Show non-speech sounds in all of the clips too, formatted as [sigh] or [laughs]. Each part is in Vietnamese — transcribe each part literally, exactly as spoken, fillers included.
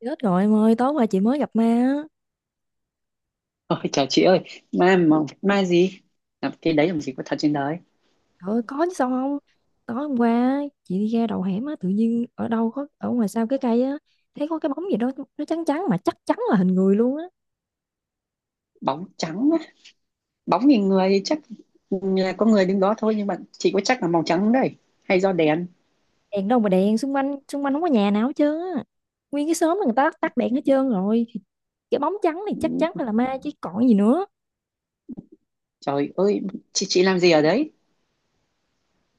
Chết rồi em ơi, tối qua chị mới gặp ma á. Ôi, chào chị ơi, ma mà, ma gì? Làm Cái đấy làm gì có thật trên đời? Trời ơi, có chứ sao không? Tối hôm qua á, chị đi ra đầu hẻm á, tự nhiên ở đâu có ở ngoài sau cái cây á, thấy có cái bóng gì đó, nó trắng trắng mà chắc chắn là hình người luôn á. Bóng trắng á, bóng thì người thì chắc là có người đứng đó thôi, nhưng mà chị có chắc là màu trắng không đấy hay do đèn? Đèn đâu mà đèn, xung quanh xung quanh không có nhà nào hết trơn á. Nguyên cái xóm là người ta tắt đèn hết trơn rồi. Thì cái bóng trắng này chắc chắn Ừ, phải là ma chứ còn gì nữa. trời ơi, chị chị làm gì ở đấy? [laughs]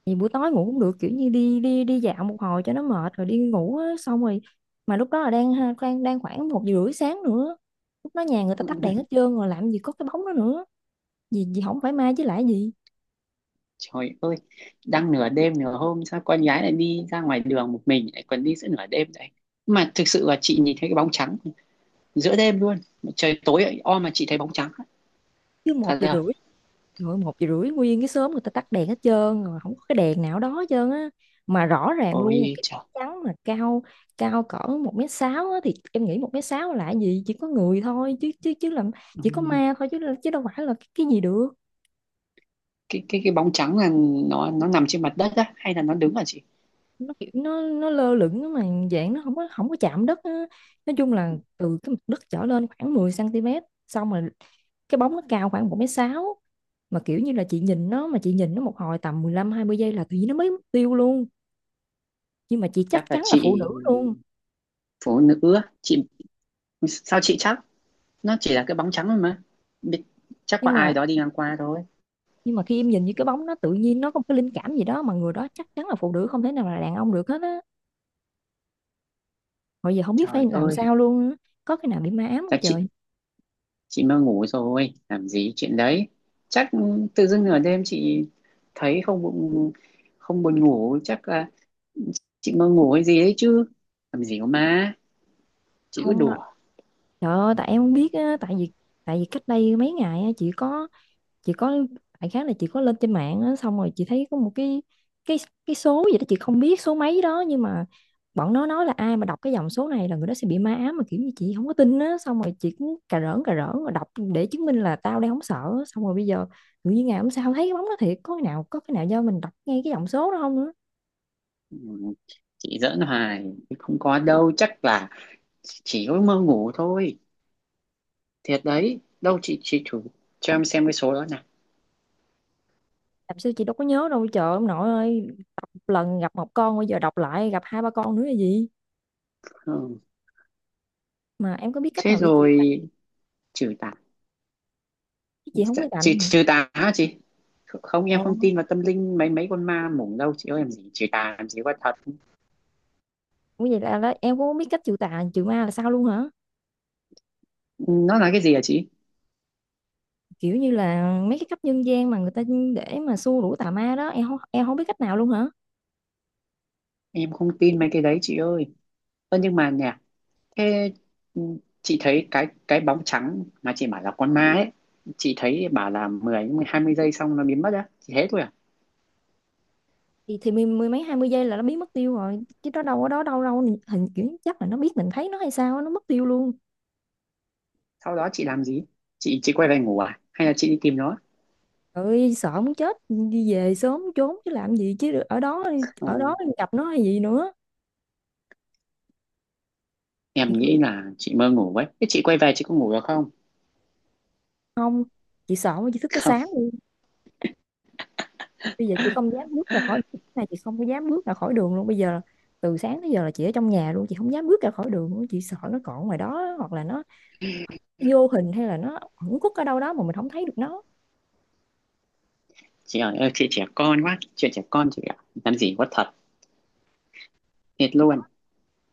Vì buổi tối ngủ cũng được, kiểu như đi đi đi dạo một hồi cho nó mệt rồi đi ngủ á, xong rồi mà lúc đó là đang ha- đang đang khoảng một giờ rưỡi sáng nữa. Lúc đó nhà người ta Ừ, tắt đèn hết trơn rồi, làm gì có cái bóng đó nữa. Vì vì không phải mai chứ lại gì. trời ơi, đang nửa đêm nửa hôm sao con gái lại đi ra ngoài đường một mình, lại còn đi giữa nửa đêm vậy? Mà thực sự là chị nhìn thấy cái bóng trắng giữa đêm luôn, trời tối o mà chị thấy bóng trắng á. Chứ một Thật giờ ra, rưỡi rồi, một giờ rưỡi nguyên cái xóm người ta tắt đèn hết trơn rồi, không có cái đèn nào đó hết trơn á, mà rõ ràng luôn ôi cái trời. bóng trắng mà cao, cao cỡ một mét sáu á, thì em nghĩ một mét sáu là gì, chỉ có người thôi chứ chứ chứ làm, Ừ, chỉ có ma thôi chứ chứ đâu phải là cái, cái gì được. cái cái cái bóng trắng là nó nó nằm trên mặt đất á hay là nó đứng hả chị? Nó kiểu nó nó lơ lửng á, mà dạng nó không có không có chạm đất á. Nói chung là từ cái mặt đất trở lên khoảng mười cm, xong rồi cái bóng nó cao khoảng một mét sáu, mà kiểu như là chị nhìn nó, mà chị nhìn nó một hồi tầm mười lăm hai mươi giây là tự nhiên nó mới mất tiêu luôn, nhưng mà chị chắc Chắc là chắn là phụ nữ chị luôn. phụ nữ á. Chị sao chị chắc nó chỉ là cái bóng trắng thôi mà. Biết- Chắc có nhưng ai mà đó đi ngang qua thôi. nhưng mà khi em nhìn như cái bóng, nó tự nhiên nó có một cái linh cảm gì đó mà người đó chắc chắn là phụ nữ, không thể nào là đàn ông được hết á. Hồi giờ không biết phải Trời làm ơi, sao luôn á. Có cái nào bị ma ám không chắc chị trời? chị mơ ngủ rồi, làm gì chuyện đấy. Chắc tự dưng nửa đêm chị thấy không buồn, không buồn ngủ, chắc là chị mơ ngủ hay gì đấy chứ, làm gì có má, chị cứ Không đó. đùa. Trời ơi, tại em không biết á, tại vì tại vì cách đây mấy ngày á, chị có chị có đại khác là chị có lên trên mạng á, xong rồi chị thấy có một cái cái cái số gì đó, chị không biết số mấy đó, nhưng mà bọn nó nói là ai mà đọc cái dòng số này là người đó sẽ bị ma ám, mà kiểu như chị không có tin á, xong rồi chị cũng cà rỡn cà rỡn rồi đọc để chứng minh là tao đang không sợ á. Xong rồi bây giờ tự nhiên ngày hôm sau thấy cái bóng đó thiệt, có cái nào, có cái nào do mình đọc ngay cái dòng số đó không nữa. Ừ, chị giỡn hoài, không có đâu, chắc là chỉ có mơ ngủ thôi. Thiệt đấy, đâu chị chị thử cho em xem cái số đó nào. Làm sao chị đâu có nhớ đâu trời, ông nội ơi. Đọc một lần gặp một con, bây giờ đọc lại gặp hai ba con nữa là gì. Ừ. Mà em có biết cách Thế nào để chị rồi trừ tà chị không có chị gạnh. trừ tà hả chị? Không, Ồ. em không tin vào tâm linh, mấy mấy con ma mủng đâu chị ơi, làm gì trừ tà, làm gì có thật. Ủa vậy là, là em cũng không biết cách trừ tà trừ ma là sao luôn hả? Ừ, nó là cái gì hả chị? Kiểu như là mấy cái cách nhân gian mà người ta để mà xua đuổi tà ma đó, em không, em không biết cách nào luôn hả? Em không tin mấy cái đấy chị ơi. Ơ nhưng mà nè, thế, ừ, chị thấy cái cái bóng trắng mà chị bảo là con ma ấy, chị thấy bảo là mười hai mươi giây xong nó biến mất á, chị thế thôi à? Thì thì mười, mười mấy hai mươi giây là nó biến mất tiêu rồi chứ, nó đâu có đó đâu đâu, hình kiểu chắc là nó biết mình thấy nó hay sao á, nó mất tiêu luôn. Sau đó chị làm gì? Chị chị quay về ngủ à hay là chị đi tìm nó? Trời ơi sợ muốn chết, đi về sớm trốn chứ làm gì chứ ở đó, ở Ừ. đó gặp nó hay gì nữa. Em Thiệt luôn, nghĩ là chị mơ ngủ ấy. Thế chị quay về chị có ngủ được không? chị sợ mà chị thức tới [laughs] Không sáng luôn. Bây giờ chị không dám bước ra khỏi, này chị không có dám bước ra khỏi đường luôn bây giờ, từ sáng tới giờ là chị ở trong nhà luôn, chị không dám bước ra khỏi đường luôn, chị sợ nó còn ngoài đó hoặc là nó vô hình hay là nó ẩn khuất ở đâu đó mà mình không thấy được nó. chị ơi ơi, chị trẻ con quá, chuyện trẻ con chị ạ, làm gì quá thật. Thiệt luôn,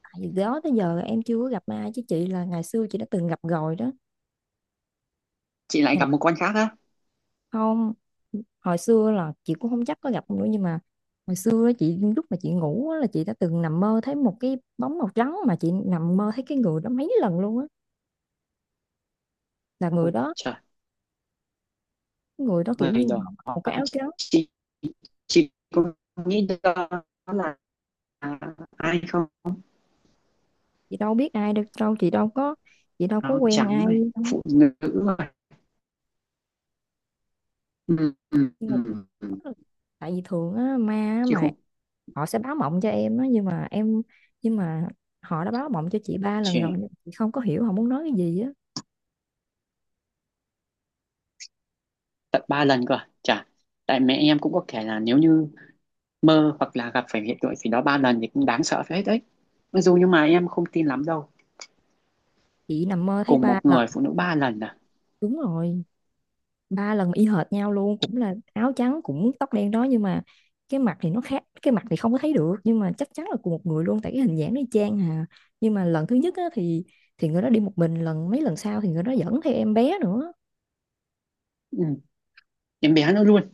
Tại vì đó tới giờ em chưa có gặp ai chứ chị, là ngày xưa chị đã từng gặp rồi đó. chị lại Ngày-, gặp một con khác á? không, hồi xưa là chị cũng không chắc có gặp không nữa, nhưng mà hồi xưa á, chị lúc mà chị ngủ á, là chị đã từng nằm mơ thấy một cái bóng màu trắng, mà chị nằm mơ thấy cái người đó mấy lần luôn á, là người Ôi đó, trời, người đó kiểu người như đó họ mặc một cái áo trắng. chị chị có nghĩ đó là ai không? Chị đâu biết ai được đâu, chị đâu có, chị đâu có Áo quen trắng ai này, đâu. phụ nữ rồi. Ừ, ừ, Nhưng mà chị, ừ. tại vì thường á, ma á Chị mà, không họ sẽ báo mộng cho em á, nhưng mà em, nhưng mà họ đã báo mộng cho chị ba lần rồi, chị, nhưng mà chị không có hiểu họ muốn nói cái gì á. tận ba lần cơ à? Chả, tại mẹ em cũng có kể là nếu như mơ hoặc là gặp phải hiện tượng gì đó ba lần thì cũng đáng sợ phết đấy, mặc dù nhưng mà em không tin lắm đâu. Chị nằm mơ thấy Cùng ba một lần người phụ nữ ba lần à? đúng rồi, ba lần y hệt nhau luôn, cũng là áo trắng cũng tóc đen đó, nhưng mà cái mặt thì nó khác, cái mặt thì không có thấy được, nhưng mà chắc chắn là cùng một người luôn, tại cái hình dáng nó y chang hà. Nhưng mà lần thứ nhất á, thì thì người đó đi một mình, lần mấy lần sau thì người đó dẫn theo em bé nữa. Ừ, em bé nữa luôn.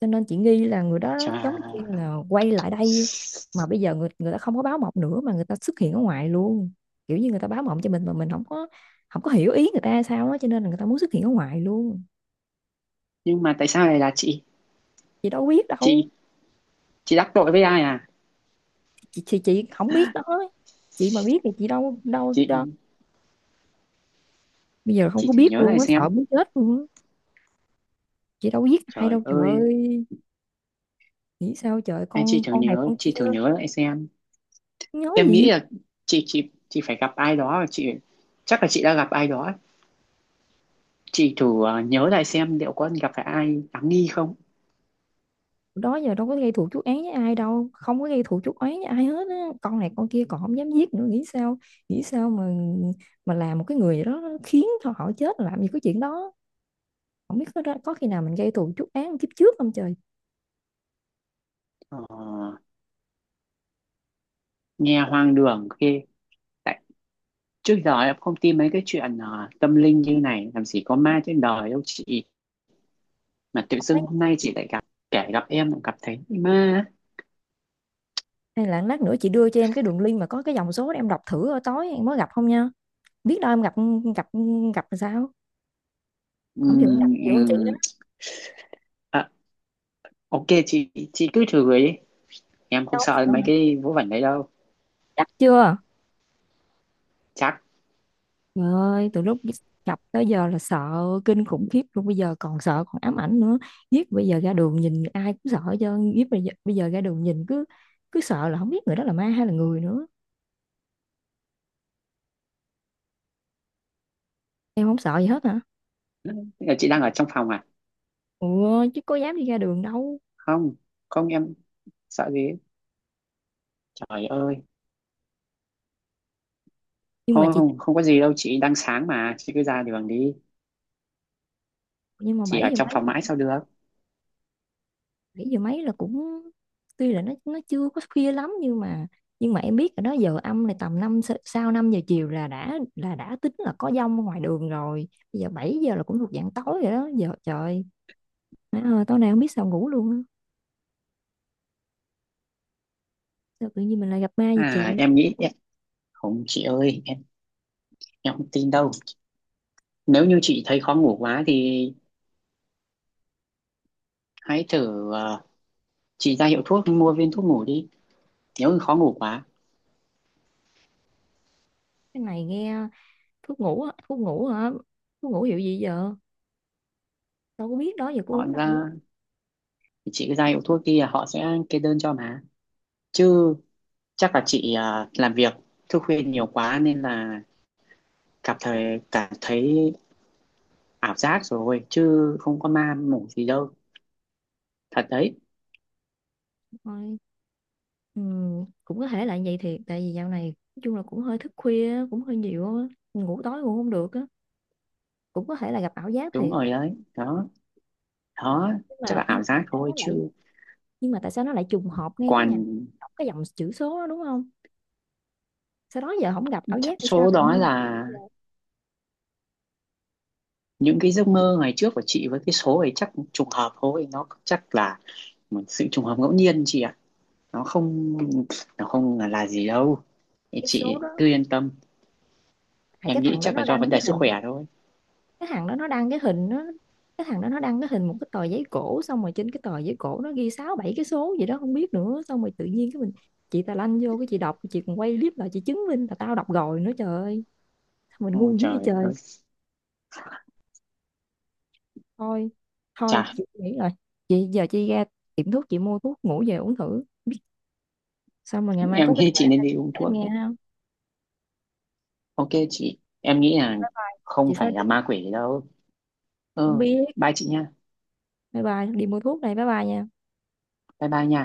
Cho nên chị nghi là người đó giống như Trời, là quay lại đây, mà bây giờ người người ta không có báo mộng nữa mà người ta xuất hiện ở ngoài luôn, kiểu như người ta báo mộng cho mình mà mình không có, không có hiểu ý người ta sao đó, cho nên là người ta muốn xuất hiện ở ngoài luôn. nhưng mà tại sao lại là chị Chị đâu biết đâu. chị chị đắc tội với ai à? Chị chị, chị không biết đó, chị mà biết thì chị đâu, đâu chị đâu Bây giờ không chị có thử biết nhớ luôn lại á, xem. sợ muốn chết luôn á. Chị đâu biết ai Trời đâu trời ơi, ơi, nghĩ sao trời, anh chị con thử con này nhớ con kia. chị thử nhớ lại xem. Nhớ Em gì. nghĩ là chị chị chị phải gặp ai đó, và chị chắc là chị đã gặp ai đó. Chị thử, ờ, nhớ lại xem liệu có gặp phải ai đáng nghi không. Đó giờ đâu có gây thù chuốc oán với ai đâu, không có gây thù chuốc oán với ai hết á, con này con kia còn không dám giết nữa, nghĩ sao, nghĩ sao mà mà làm một cái người gì đó khiến cho họ chết, làm gì có chuyện đó. Không biết có, ra-, có khi nào mình gây thù chuốc oán kiếp trước không trời. ờ, nghe hoang đường ghê, tại trước giờ em không tin mấy cái chuyện ờ, tâm linh như này, làm gì có ma trên đời đâu chị. Mà tự Không thấy, dưng hôm nay chị lại gặp, kể gặp em lại gặp thấy ma. hay là lát nữa chị đưa cho em cái đường link mà có cái dòng số để em đọc thử, ở tối em mới gặp không nha, biết đâu em gặp, gặp, gặp là sao, không chừng em gặp Ừm, nhiều hơn chị đó. ừm, à, ok chị chị cứ thử ấy, em không Đâu có sợ sợ mấy hả? cái vớ vẩn đấy đâu. Chắc chưa? Chắc. Trời ơi, từ lúc gặp tới giờ là sợ kinh khủng khiếp luôn, bây giờ còn sợ còn ám ảnh nữa. Giết bây giờ ra đường nhìn ai cũng sợ chứ, giết bây giờ, bây giờ ra đường nhìn cứ cứ sợ là không biết người đó là ma hay là người nữa. Em không sợ gì hết hả? Thế, là chị đang ở trong phòng à? Ủa, chứ có dám đi ra đường đâu. Không, không em sợ gì ấy. Trời ơi, Nhưng mà thôi chị, không, không có gì đâu chị, đang sáng mà chị cứ ra đường đi, nhưng mà chị bảy ở giờ trong mấy, phòng mãi sao được? bảy giờ mấy là cũng, tuy là nó nó chưa có khuya lắm, nhưng mà nhưng mà em biết là đó giờ âm này tầm năm sa-, sau năm giờ chiều là đã là đã tính là có dông ở ngoài đường rồi. Bây giờ bảy giờ là cũng thuộc dạng tối rồi đó. Giờ trời. Nói, ờ, tối nay không biết sao ngủ luôn á. Sao tự nhiên mình lại gặp ma vậy trời? À em nghĩ em- không chị ơi, em em không tin đâu. Nếu như chị thấy khó ngủ quá thì hãy thử, ờ, chị ra hiệu thuốc mua viên thuốc ngủ đi, nếu như khó ngủ quá. Cái này nghe, thuốc ngủ á, thuốc ngủ hả? Thuốc ngủ hiệu gì giờ? Đâu có biết đó giờ có Họ uống đâu. ra Thì chị cứ ra hiệu thuốc kia họ sẽ kê đơn cho mà. Chứ chắc là chị, à, làm việc thức khuya nhiều quá nên là cảm thấy cảm thấy ảo giác rồi chứ không có ma mủ gì đâu, thật đấy. Thôi, ừ, cũng có thể là vậy thiệt. Tại vì dạo này nói chung là cũng hơi thức khuya á, cũng hơi nhiều á. Ngủ tối ngủ không được á. Cũng có thể là gặp ảo giác Đúng thiệt. rồi đấy, đó, đó, Nhưng chắc là mà nhưng ảo mà tại giác sao thôi nó lại, chứ. nhưng mà tại sao nó lại trùng hợp ngay cái ngày Còn đọc cái dòng chữ số đó, đúng không? Sau đó giờ không gặp ảo chắc giác, hay sao số tự đó nhiên là giờ, những cái giấc mơ ngày trước của chị với cái số ấy chắc trùng hợp thôi, nó chắc là một sự trùng hợp ngẫu nhiên chị ạ, nó không nó không là gì đâu. Thì cái số chị đó, cứ yên tâm, hay cái em nghĩ thằng đó chắc là nó do đăng vấn cái đề sức hình, khỏe thôi. cái thằng đó nó đăng cái hình nó cái thằng đó nó đăng cái hình một cái tờ giấy cổ, xong rồi trên cái tờ giấy cổ nó ghi sáu bảy cái số gì đó không biết nữa, xong rồi tự nhiên cái mình, chị ta lanh vô cái chị đọc, chị còn quay clip lại chị chứng minh là tao đọc rồi nữa, trời ơi mình Ôi ngu dữ vậy trời trời. ơi, Thôi, chà, thôi chị nghĩ rồi, chị giờ chị ra tiệm thuốc chị mua thuốc ngủ về uống thử, xong rồi ngày mai em có kết nghĩ quả chị ra. nên đi uống Em thuốc nghe đấy. không? Ok chị, em nghĩ là không Chị phải phải là đi, ma quỷ đâu. không Ừ, biết, bye chị nha, bye bye, đi mua thuốc này, bye bye nha. bye bye nha.